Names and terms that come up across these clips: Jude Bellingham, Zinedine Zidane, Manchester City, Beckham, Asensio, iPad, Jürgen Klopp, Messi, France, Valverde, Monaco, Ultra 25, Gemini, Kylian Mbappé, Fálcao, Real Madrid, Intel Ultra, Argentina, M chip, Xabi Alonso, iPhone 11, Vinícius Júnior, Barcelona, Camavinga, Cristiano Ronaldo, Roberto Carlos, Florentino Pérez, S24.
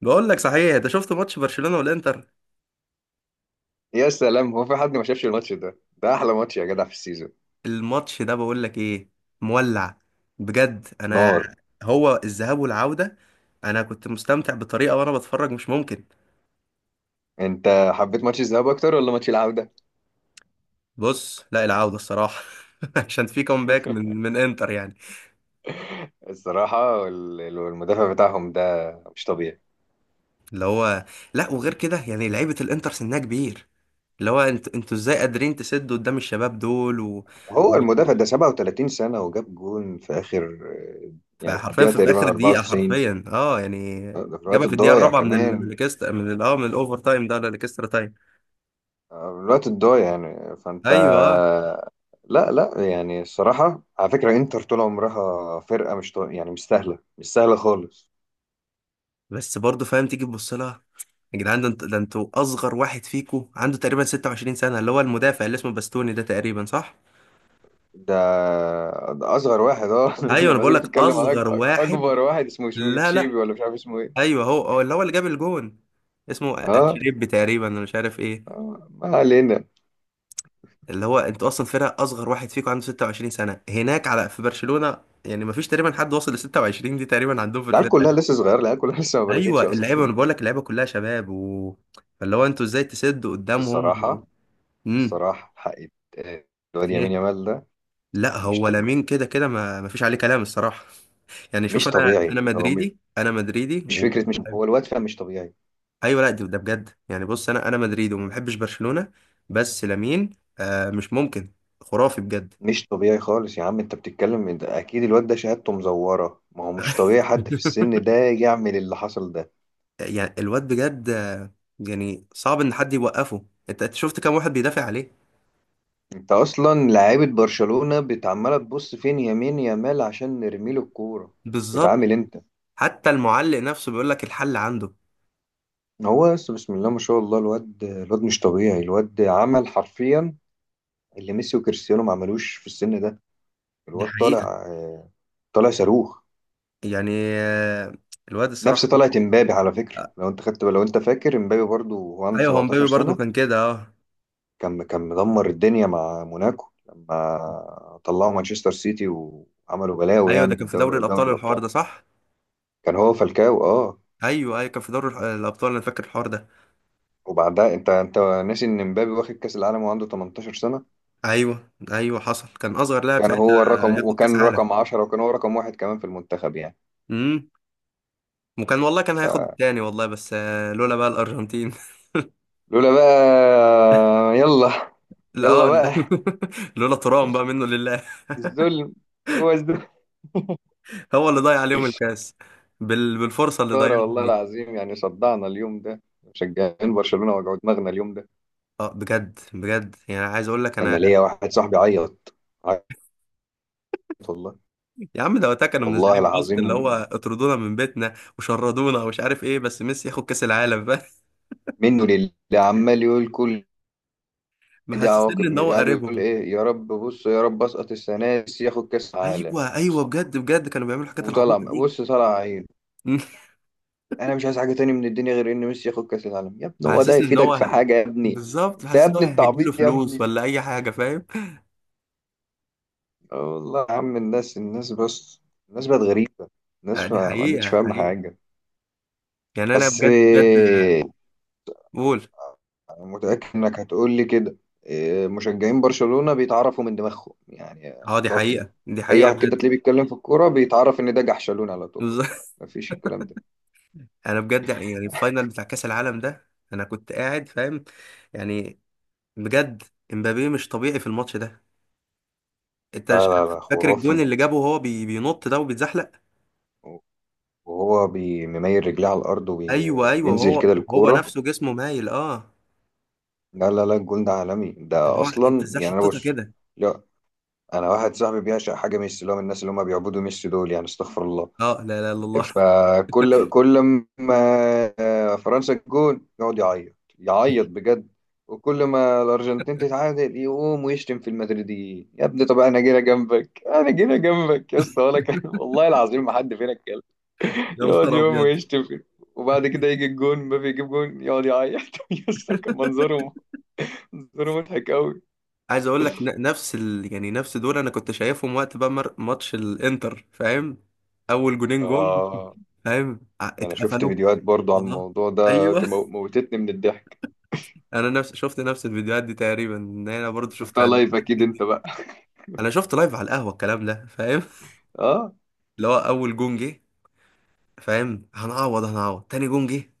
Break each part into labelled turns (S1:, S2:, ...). S1: بقول لك، صحيح انت شفت ماتش برشلونة والانتر؟
S2: يا سلام، هو في حد ما شافش الماتش ده؟ ده احلى ماتش يا جدع في السيزون.
S1: الماتش ده بقول لك ايه. مولع بجد انا.
S2: نار.
S1: هو الذهاب والعودة، انا كنت مستمتع بطريقة وانا بتفرج، مش ممكن.
S2: انت حبيت ماتش الذهاب اكتر ولا ماتش العودة؟
S1: بص، لا، العودة الصراحة. عشان في كومباك من من انتر يعني.
S2: الصراحة المدافع بتاعهم ده مش طبيعي.
S1: اللي هو، لا، وغير كده يعني لعيبة الانتر سنها كبير. اللي هو انتوا ازاي قادرين تسدوا قدام الشباب دول و...
S2: هو المدافع ده 37 سنة وجاب جون في آخر، يعني في
S1: فحرفيا
S2: الدقيقة
S1: في اخر
S2: تقريبا
S1: دقيقه،
S2: 94.
S1: حرفيا، يعني.
S2: ده في الوقت
S1: جابها في الدقيقه
S2: الضايع
S1: الرابعه من
S2: كمان.
S1: الاكسترا، من ال... اه من الاوفر تايم ده ولا الاكسترا تايم؟
S2: آه، الوقت الضايع يعني. فأنت
S1: ايوه، آه.
S2: لا يعني الصراحة، على فكرة إنتر طول عمرها فرقة مش يعني مش سهلة، مش سهلة خالص.
S1: بس برضه فاهم، تيجي تبص لها. يا جدعان، ده انتوا اصغر واحد فيكم عنده تقريبا 26 سنه، اللي هو المدافع اللي اسمه باستوني ده، تقريبا صح؟
S2: ده ده اصغر واحد، اه.
S1: ايوه انا
S2: لما زي
S1: بقول لك
S2: بتتكلم على
S1: اصغر
S2: اكبر
S1: واحد.
S2: واحد اسمه شنو،
S1: لا
S2: تشيبي
S1: لا.
S2: ولا مش عارف اسمه ايه.
S1: ايوه، هو اللي هو اللي جاب الجون. اسمه
S2: اه،
S1: اتشريب تقريبا، انا مش عارف ايه.
S2: آه، ما علينا.
S1: اللي هو انتوا اصلا فرقه اصغر واحد فيكم عنده 26 سنه هناك على في برشلونه. يعني ما فيش تقريبا حد وصل ل 26 دي تقريبا عندهم في
S2: العيال كلها
S1: الفرقه.
S2: لسه صغيره، العيال كلها لسه ما
S1: ايوه
S2: بلغتش
S1: اللعيبه،
S2: اصلا.
S1: انا بقول لك اللعيبه كلها شباب و... فاللي هو انتوا ازاي تسدوا قدامهم و...
S2: الصراحه،
S1: امم
S2: الصراحه حق يت- الواد يمين
S1: ايه.
S2: يامال ده
S1: لا،
S2: مش
S1: هو
S2: طبيعي.
S1: لامين كده كده، ما فيش عليه كلام الصراحه. يعني شوف،
S2: مش
S1: انا
S2: طبيعي.
S1: انا مدريدي، انا مدريدي
S2: مش
S1: و...
S2: فكره، مش، هو الواد فعلا مش طبيعي.
S1: ايوه، لا، ده بجد يعني، بص انا مدريدي وما بحبش برشلونه. بس لامين، مش ممكن. خرافي بجد.
S2: مش طبيعي خالص يا عم انت بتتكلم، ده اكيد الواد ده شهادته مزوره، ما هو مش طبيعي حد في السن ده يعمل اللي حصل ده.
S1: يعني الواد بجد. يعني صعب ان حد يوقفه. انت شفت كام واحد بيدافع عليه؟
S2: انت اصلا لعيبه برشلونه بتعمله تبص فين يمين يامال عشان نرمي له الكوره.
S1: بالظبط.
S2: بتعامل انت.
S1: حتى المعلق نفسه بيقول لك الحل عنده.
S2: هو بس بسم الله ما شاء الله، الواد، الواد مش طبيعي. الواد عمل حرفيا اللي ميسي وكريستيانو ما عملوش في السن ده.
S1: دي
S2: الواد
S1: حقيقة.
S2: طالع، آه، طالع صاروخ.
S1: يعني آه، الواد
S2: نفس
S1: الصراحة.
S2: طلعت امبابي، على فكره
S1: آه،
S2: لو انت خدت، لو انت فاكر امبابي، برضو هو عنده
S1: ايوه، هو
S2: 17
S1: مبابي برضه
S2: سنه.
S1: كان كده اه
S2: كان مدمر الدنيا مع موناكو لما طلعوا مانشستر سيتي وعملوا بلاوي
S1: ايوه، ده
S2: يعني في
S1: كان في دوري
S2: الدوري، دوري
S1: الابطال الحوار
S2: الابطال.
S1: ده، صح.
S2: كان هو فالكاو، اه.
S1: ايوه ايوه، كان في دوري الابطال، انا فاكر الحوار ده.
S2: وبعدها، انت ناسي ان مبابي واخد كاس العالم وعنده 18 سنه.
S1: ايوه ايوه، حصل، كان اصغر لاعب
S2: كان
S1: ساعتها
S2: هو
S1: آه،
S2: الرقم،
S1: ياخد كاس
S2: وكان
S1: عالم.
S2: رقم 10، وكان هو رقم واحد كمان في المنتخب يعني.
S1: امم وكان والله كان هياخد
S2: فلولا،
S1: التاني والله، بس، لولا بقى الارجنتين.
S2: بقى يلا.
S1: لا،
S2: يلا
S1: لا.
S2: بقى.
S1: لولا ترام بقى، منه لله.
S2: الظلم، هو الظلم.
S1: هو اللي ضيع عليهم الكاس. بالفرصه اللي
S2: خسارة
S1: ضيعها
S2: والله
S1: دي.
S2: العظيم، يعني صدعنا اليوم ده مشجعين برشلونة، وجعوا دماغنا اليوم ده.
S1: اه بجد بجد، يعني عايز اقول لك
S2: أنا
S1: انا.
S2: ليا واحد صاحبي عيط، عيط، والله.
S1: يا عم، ده وقتها كانوا
S2: والله
S1: منزلين بوست اللي هو
S2: العظيم،
S1: اطردونا من بيتنا وشردونا ومش عارف ايه، بس ميسي ياخد كاس العالم. فاهم؟
S2: منه لله، عمال يقول، كل دي
S1: محسسني
S2: عواقب،
S1: ان هو
S2: يعني يقول
S1: قريبهم.
S2: إيه، يا رب بص، يا رب أسقط السنة دي ياخد كأس عالم.
S1: ايوه ايوه، بجد بجد كانوا بيعملوا الحاجات
S2: وطلع
S1: العبيطه دي.
S2: بص، طلع عينه. انا مش عايز حاجه تاني من الدنيا غير ان ميسي ياخد كاس العالم. يا ابني هو ده
S1: حاسسني ان
S2: يفيدك في
S1: هو.
S2: حاجه يا ابني؟
S1: بالظبط،
S2: انت يا
S1: حاسس ان هو
S2: ابني
S1: هيديله
S2: التعبيط يا
S1: فلوس
S2: ابني.
S1: ولا اي حاجه، فاهم.
S2: اه والله يا عم، الناس بس، الناس بقت غريبه،
S1: آه،
S2: الناس
S1: دي
S2: ما عادتش
S1: حقيقه
S2: فاهمه
S1: حقيقه.
S2: حاجه.
S1: يعني انا
S2: بس
S1: بجد بجد.
S2: إيه،
S1: قول.
S2: انا متاكد انك هتقول لي كده، إيه، مشجعين برشلونه بيتعرفوا من دماغهم يعني.
S1: اه، دي
S2: تقعد تت-
S1: حقيقه دي
S2: اي
S1: حقيقه
S2: واحد كده
S1: بجد.
S2: تلاقيه بيتكلم في الكوره بيتعرف ان ده جحشلون على طول. مفيش الكلام ده.
S1: انا بجد، يعني الفاينل بتاع كاس العالم ده انا كنت قاعد فاهم. يعني. بجد. امبابي مش طبيعي في الماتش ده. انت
S2: لا
S1: مش-
S2: لا لا،
S1: فاكر الجون
S2: خرافي.
S1: اللي جابه، وهو بينط ده وبيتزحلق.
S2: وهو بيميل رجليه على الارض
S1: ايوه ايوه،
S2: وينزل
S1: وهو
S2: كده
S1: هو
S2: للكوره.
S1: نفسه جسمه مايل اه
S2: لا لا لا، الجون ده عالمي،
S1: اللي
S2: ده
S1: هو انت
S2: اصلا
S1: ازاي
S2: يعني انا
S1: حطيتها
S2: بص.
S1: كده؟
S2: لا، انا واحد صاحبي بيعشق حاجه ميسي، اللي هو من الناس اللي هم بيعبدوا ميسي دول، يعني استغفر الله.
S1: اه، لا لا لا، الله.
S2: فكل، كل ما فرنسا الجون يقعد يعيط، يعيط بجد. وكل ما الارجنتين تتعادل يقوم ويشتم في المدريديين. يا ابني طب انا جينا جنبك، انا جينا جنبك يا اسطى، ولا كان والله العظيم ما حد فينا اتكلم.
S1: يا
S2: يقعد
S1: نهار
S2: يوم
S1: ابيض.
S2: ويشتم، وبعد كده يجي الجون مبابي، يجيب جون يقعد يعيط. يا اسطى كان منظره، منظره مضحك قوي.
S1: عايز اقول لك نفس يعني نفس دول، انا كنت شايفهم وقت بقى ماتش الانتر، فاهم. اول جونين جم.
S2: اه،
S1: فاهم،
S2: ده انا شفت
S1: اتقفلوا.
S2: فيديوهات برضو عن
S1: والله.
S2: الموضوع ده،
S1: ايوه.
S2: موتتني من الضحك.
S1: انا نفس شفت نفس الفيديوهات دي تقريبا، ان انا برضو شفت
S2: شفتها
S1: عن
S2: لايف اكيد
S1: الحاجات
S2: انت
S1: دي.
S2: بقى.
S1: انا شفت لايف على القهوه الكلام ده، فاهم.
S2: اه.
S1: اللي هو اول جون جه. فاهم، هنعوض هنعوض، تاني جون جه.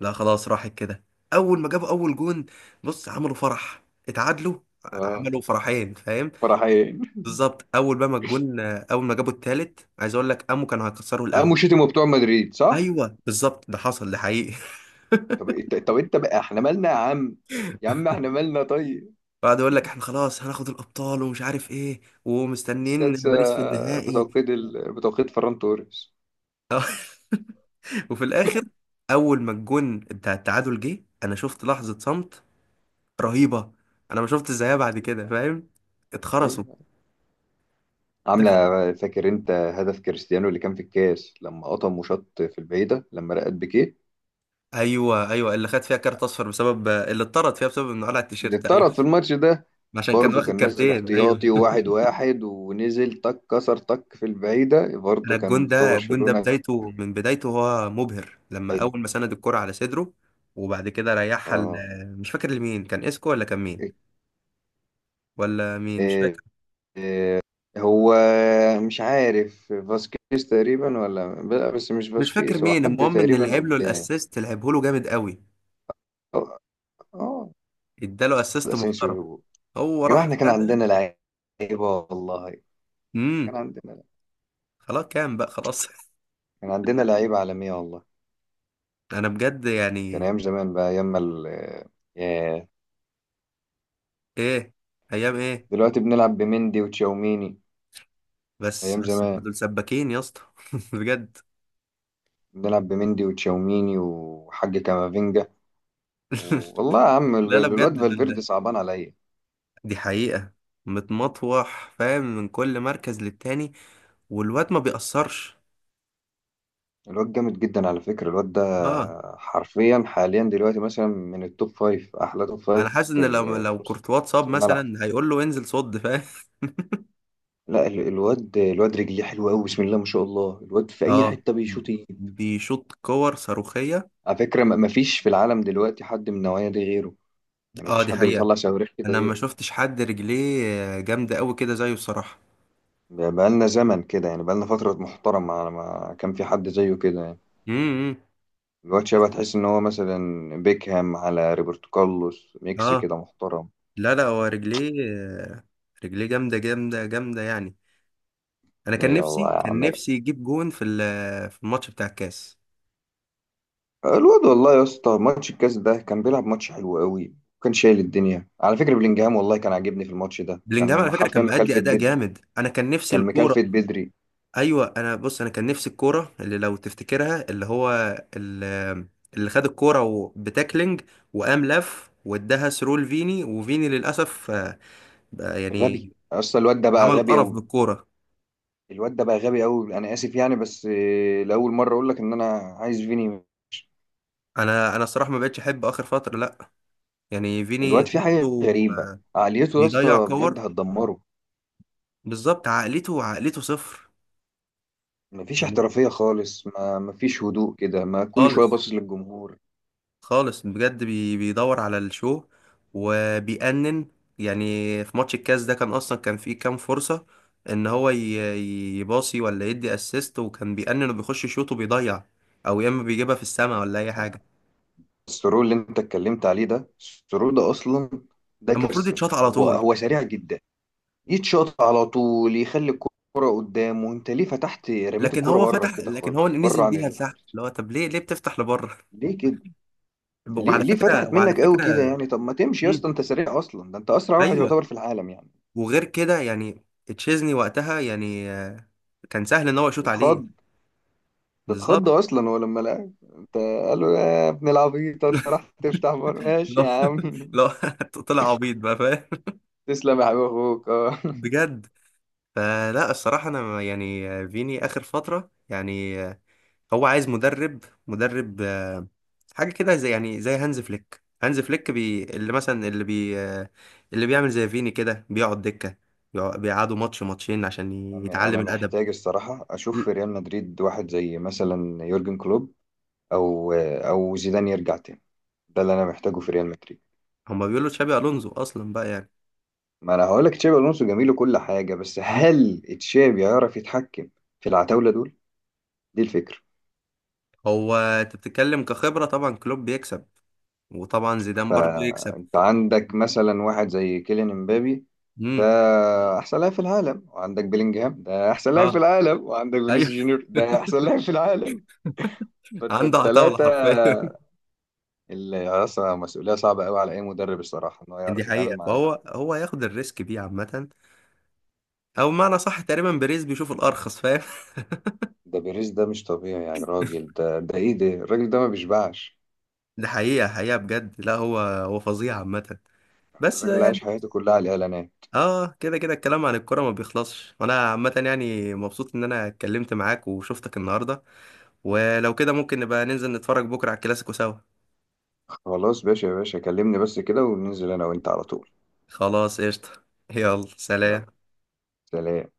S1: لا، خلاص، راحت كده. اول ما جابوا اول جون، بص عملوا فرح. اتعادلوا.
S2: اه،
S1: عملوا فرحين، فاهم.
S2: فرحين.
S1: بالظبط، اول بقى ما الجون، اول ما جابوا التالت، عايز اقول لك قاموا كانوا هيكسروا القهوه.
S2: قاموا شتموا بتوع مدريد، صح؟
S1: ايوه بالظبط، ده حصل، ده حقيقي.
S2: طب انت، طب انت بقى احنا مالنا يا عم؟ يا عم احنا مالنا طيب.
S1: بعد يقول لك احنا خلاص هناخد الابطال ومش عارف ايه، ومستنيين
S2: السادسة
S1: باريس في النهائي.
S2: بتوقيت بتوقيت فران توريس.
S1: وفي الاخر، اول ما الجون بتاع التعادل جه، انا شفت لحظة صمت رهيبة. انا ما شفت زيها بعد
S2: ايوه
S1: كده،
S2: طبعا.
S1: فاهم. اتخرسوا.
S2: ايوه، عاملة.
S1: ده.
S2: فاكر انت هدف كريستيانو اللي كان في الكاس، لما قطم وشط في البعيدة لما رقت بيكيه،
S1: ايوه ايوه، اللي خد فيها كارت اصفر بسبب اللي اتطرد فيها، بسبب انه قلع
S2: اللي
S1: التيشيرت، ايوه.
S2: اتطرد في الماتش ده؟
S1: عشان كان
S2: برضه
S1: واخد
S2: كان نازل
S1: كارتين، ايوه.
S2: احتياطي، وواحد ونزل تك كسر تك في البعيدة،
S1: انا
S2: برضه كان
S1: الجون
S2: بتوع
S1: ده الجون ده
S2: برشلونة.
S1: بدايته من بدايته هو مبهر، لما
S2: عالي.
S1: اول ما سند الكرة على صدره وبعد كده ريحها.
S2: اه.
S1: مش فاكر لمين، كان اسكو ولا كان مين،
S2: إيه.
S1: ولا مين مش
S2: إيه،
S1: فاكر.
S2: هو، مش عارف، فاسكيز تقريبا ولا لا، بس مش
S1: مش فاكر
S2: فاسكيز، هو
S1: مين،
S2: حد
S1: المهم ان اللي
S2: تقريبا
S1: لعب له
S2: قدام.
S1: الاسيست لعبه له جامد قوي.
S2: اه، آه،
S1: اداله
S2: ده
S1: اسيست محترم.
S2: اسينسيو.
S1: هو
S2: يا جدعان
S1: راح
S2: احنا كان
S1: خدها.
S2: عندنا لعيبة والله. كان
S1: امم
S2: عندنا،
S1: خلاص كام بقى، خلاص.
S2: كان عندنا لعيبة عالمية والله.
S1: انا بجد
S2: كان
S1: يعني.
S2: أيام زمان بقى، أيام ما ال… ياه.
S1: ايه، ايام ايه؟
S2: دلوقتي بنلعب بمندي وتشاوميني.
S1: بس
S2: أيام
S1: بس انتوا
S2: زمان
S1: دول سباكين يا اسطى. بجد.
S2: بنلعب بمندي وتشاوميني وحاج كامافينجا. و- والله يا عم ال-
S1: لا لا،
S2: ال- الواد
S1: بجد
S2: فالفيردي
S1: دول.
S2: صعبان عليا.
S1: دي حقيقة. متمطوح، فاهم، من كل مركز للتاني، والواد ما بيأثرش.
S2: الواد جامد جدا على فكرة الواد ده،
S1: اه.
S2: حرفيا حاليا دلوقتي مثلا من التوب فايف، أحلى توب
S1: انا
S2: فايف
S1: حاسس
S2: في
S1: ان لو
S2: في
S1: لو
S2: نص
S1: كورتوا اتصاب
S2: الملعب.
S1: مثلا، هيقول له انزل صد، فاهم.
S2: لا الواد، الواد رجليه حلوة أوي، بسم الله ما شاء الله، الواد في أي
S1: اه،
S2: حتة بيشوط يجيب.
S1: بيشوط كور صاروخية.
S2: على فكرة ما فيش في العالم دلوقتي حد من النوعية دي غيره، يعني
S1: اه،
S2: مفيش
S1: دي
S2: حد
S1: حقيقة.
S2: بيطلع صواريخ كده
S1: انا ما
S2: غيره.
S1: شفتش حد رجليه جامدة قوي كده زيه، الصراحة.
S2: بقالنا زمن كده، يعني بقالنا فترة محترمة على ما كان في حد زيه كده يعني.
S1: امم
S2: الواد شبه، تحس إن هو مثلا بيكهام على روبرتو كارلوس ميكس
S1: اه،
S2: كده محترم.
S1: لا لا، هو رجليه. آه، رجليه جامده جامده جامده يعني. انا كان
S2: ايه
S1: نفسي
S2: والله يا
S1: كان
S2: عم،
S1: نفسي يجيب جون في الماتش بتاع الكاس.
S2: الواد، والله يا اسطى ماتش الكاس ده كان بيلعب ماتش حلو قوي، وكان شايل الدنيا على فكرة، بلينجهام والله كان عاجبني في الماتش ده،
S1: بلينجهام على
S2: كان
S1: فكره كان
S2: حرفيا
S1: مأدي
S2: مكلفة
S1: اداء
S2: بدري،
S1: جامد، انا كان نفسي
S2: كان
S1: الكوره.
S2: مكلفة بدري.
S1: ايوه، انا بص، انا كان نفسي الكوره اللي لو تفتكرها اللي هو ال- اللي خد الكوره بتاكلينج، وقام لف واداها ثرو لفيني، وفيني للاسف. بقى
S2: غبي
S1: يعني.
S2: اصلا الواد ده، بقى
S1: عمل
S2: غبي
S1: قرف
S2: قوي.
S1: بالكوره.
S2: الواد ده بقى غبي قوي، انا اسف يعني بس آه، لاول مره اقول لك ان انا عايز فيني.
S1: انا الصراحه ما بقتش احب اخر فتره، لا. يعني فيني
S2: الواد فيه حاجة
S1: حسه
S2: غريبة، عقليته يا
S1: بيضيع
S2: اسطى بجد
S1: كور.
S2: هتدمره.
S1: بالظبط، عقليته عقليته صفر.
S2: مفيش
S1: يعني
S2: احترافية خالص، ما مفيش هدوء كده، ما كل شوية
S1: خالص،
S2: باصص للجمهور.
S1: خالص بجد، بيدور على الشو وبيأنن. يعني في ماتش الكاس ده كان اصلا كان فيه كام فرصة ان هو يباصي ولا يدي اسيست، وكان بيأنن وبيخش شوط وبيضيع، او يا اما بيجيبها في السماء ولا اي حاجة.
S2: السرور اللي انت اتكلمت عليه ده، السرور ده اصلا ده
S1: المفروض
S2: كارثة،
S1: يتشاط على
S2: هو
S1: طول.
S2: هو سريع جدا. يتشاط على طول، يخلي الكرة قدامه، انت ليه فتحت، رميت الكرة بره كده
S1: لكن هو
S2: خالص، بره
S1: نزل
S2: عن
S1: بيها لتحت،
S2: الحارس.
S1: اللي هو طب ليه بتفتح لبره؟
S2: ليه كده؟ ليه،
S1: وعلى
S2: ليه
S1: فكرة
S2: فتحت
S1: وعلى
S2: منك قوي كده
S1: فكرة
S2: يعني؟ طب ما تمشي يا
S1: مم.
S2: اسطى، انت سريع اصلا، ده انت اسرع واحد
S1: ايوه.
S2: يعتبر في العالم يعني.
S1: وغير كده يعني تشيزني وقتها يعني كان سهل ان هو يشوط عليه.
S2: بتخض. اتخض
S1: بالظبط.
S2: اصلا هو لما لعب، انت قال له يا ابن العبيط، انت راح تفتح بار؟ ماشي
S1: لا
S2: يا عم.
S1: لا، طلع عبيط بقى، فاهم.
S2: تسلم يا حبيب اخوك اه.
S1: بجد. فلا الصراحه، انا يعني فيني اخر فتره يعني. هو عايز مدرب. حاجه كده زي يعني زي هانز فليك، اللي مثلا اللي بي آه، اللي بيعمل زي فيني كده بيقعد دكه، بيقعدوا ماتش ماتشين عشان
S2: انا
S1: يتعلم
S2: أنا
S1: الادب
S2: محتاج الصراحه اشوف
S1: ل-
S2: في ريال مدريد واحد زي مثلا يورجن كلوب، او، او زيدان يرجع تاني. ده اللي انا محتاجه في ريال مدريد.
S1: هما بيقولوا تشابي الونزو اصلا بقى يعني.
S2: ما انا هقول لك تشابي الونسو جميل وكل حاجه، بس
S1: م.
S2: هل تشابي يعرف يتحكم في العتاوله دول؟ دي الفكره.
S1: هو انت بتتكلم كخبره، طبعا كلوب بيكسب وطبعا زيدان برضه يكسب.
S2: فانت عندك مثلا واحد زي كيليان امبابي، ده
S1: امم
S2: احسن لاعب في العالم، وعندك بيلينجهام ده احسن لاعب في
S1: اه،
S2: العالم، وعندك
S1: ايوه.
S2: فينيسيوس جونيور ده احسن لاعب في العالم. فانت
S1: عنده عتاولة
S2: الثلاثه
S1: حرفيا.
S2: اللي اصلا مسؤوليه صعبه قوي على اي مدرب الصراحه ان هو
S1: دي
S2: يعرف يتعامل
S1: حقيقة،
S2: مع
S1: فهو هياخد الريسك بيه عامة، او بمعنى صح تقريبا بريز بيشوف الارخص، فاهم.
S2: ده بيريز ده مش طبيعي يا راجل، ده ده ايه ده، الراجل ده ما بيشبعش.
S1: دي حقيقة حقيقة بجد، لا هو فظيع عامة. بس
S2: الراجل
S1: يعني
S2: عايش حياته كلها على الاعلانات.
S1: اه، كده كده الكلام عن الكرة ما بيخلصش، وانا عامة يعني مبسوط ان انا اتكلمت معاك وشفتك النهاردة. ولو كده ممكن نبقى ننزل نتفرج بكرة على الكلاسيكو سوا.
S2: خلاص باشا، يا باشا كلمني بس كده وننزل انا وانت على طول.
S1: خلاص قشطة. يلا
S2: يلا
S1: سلام.
S2: سلام.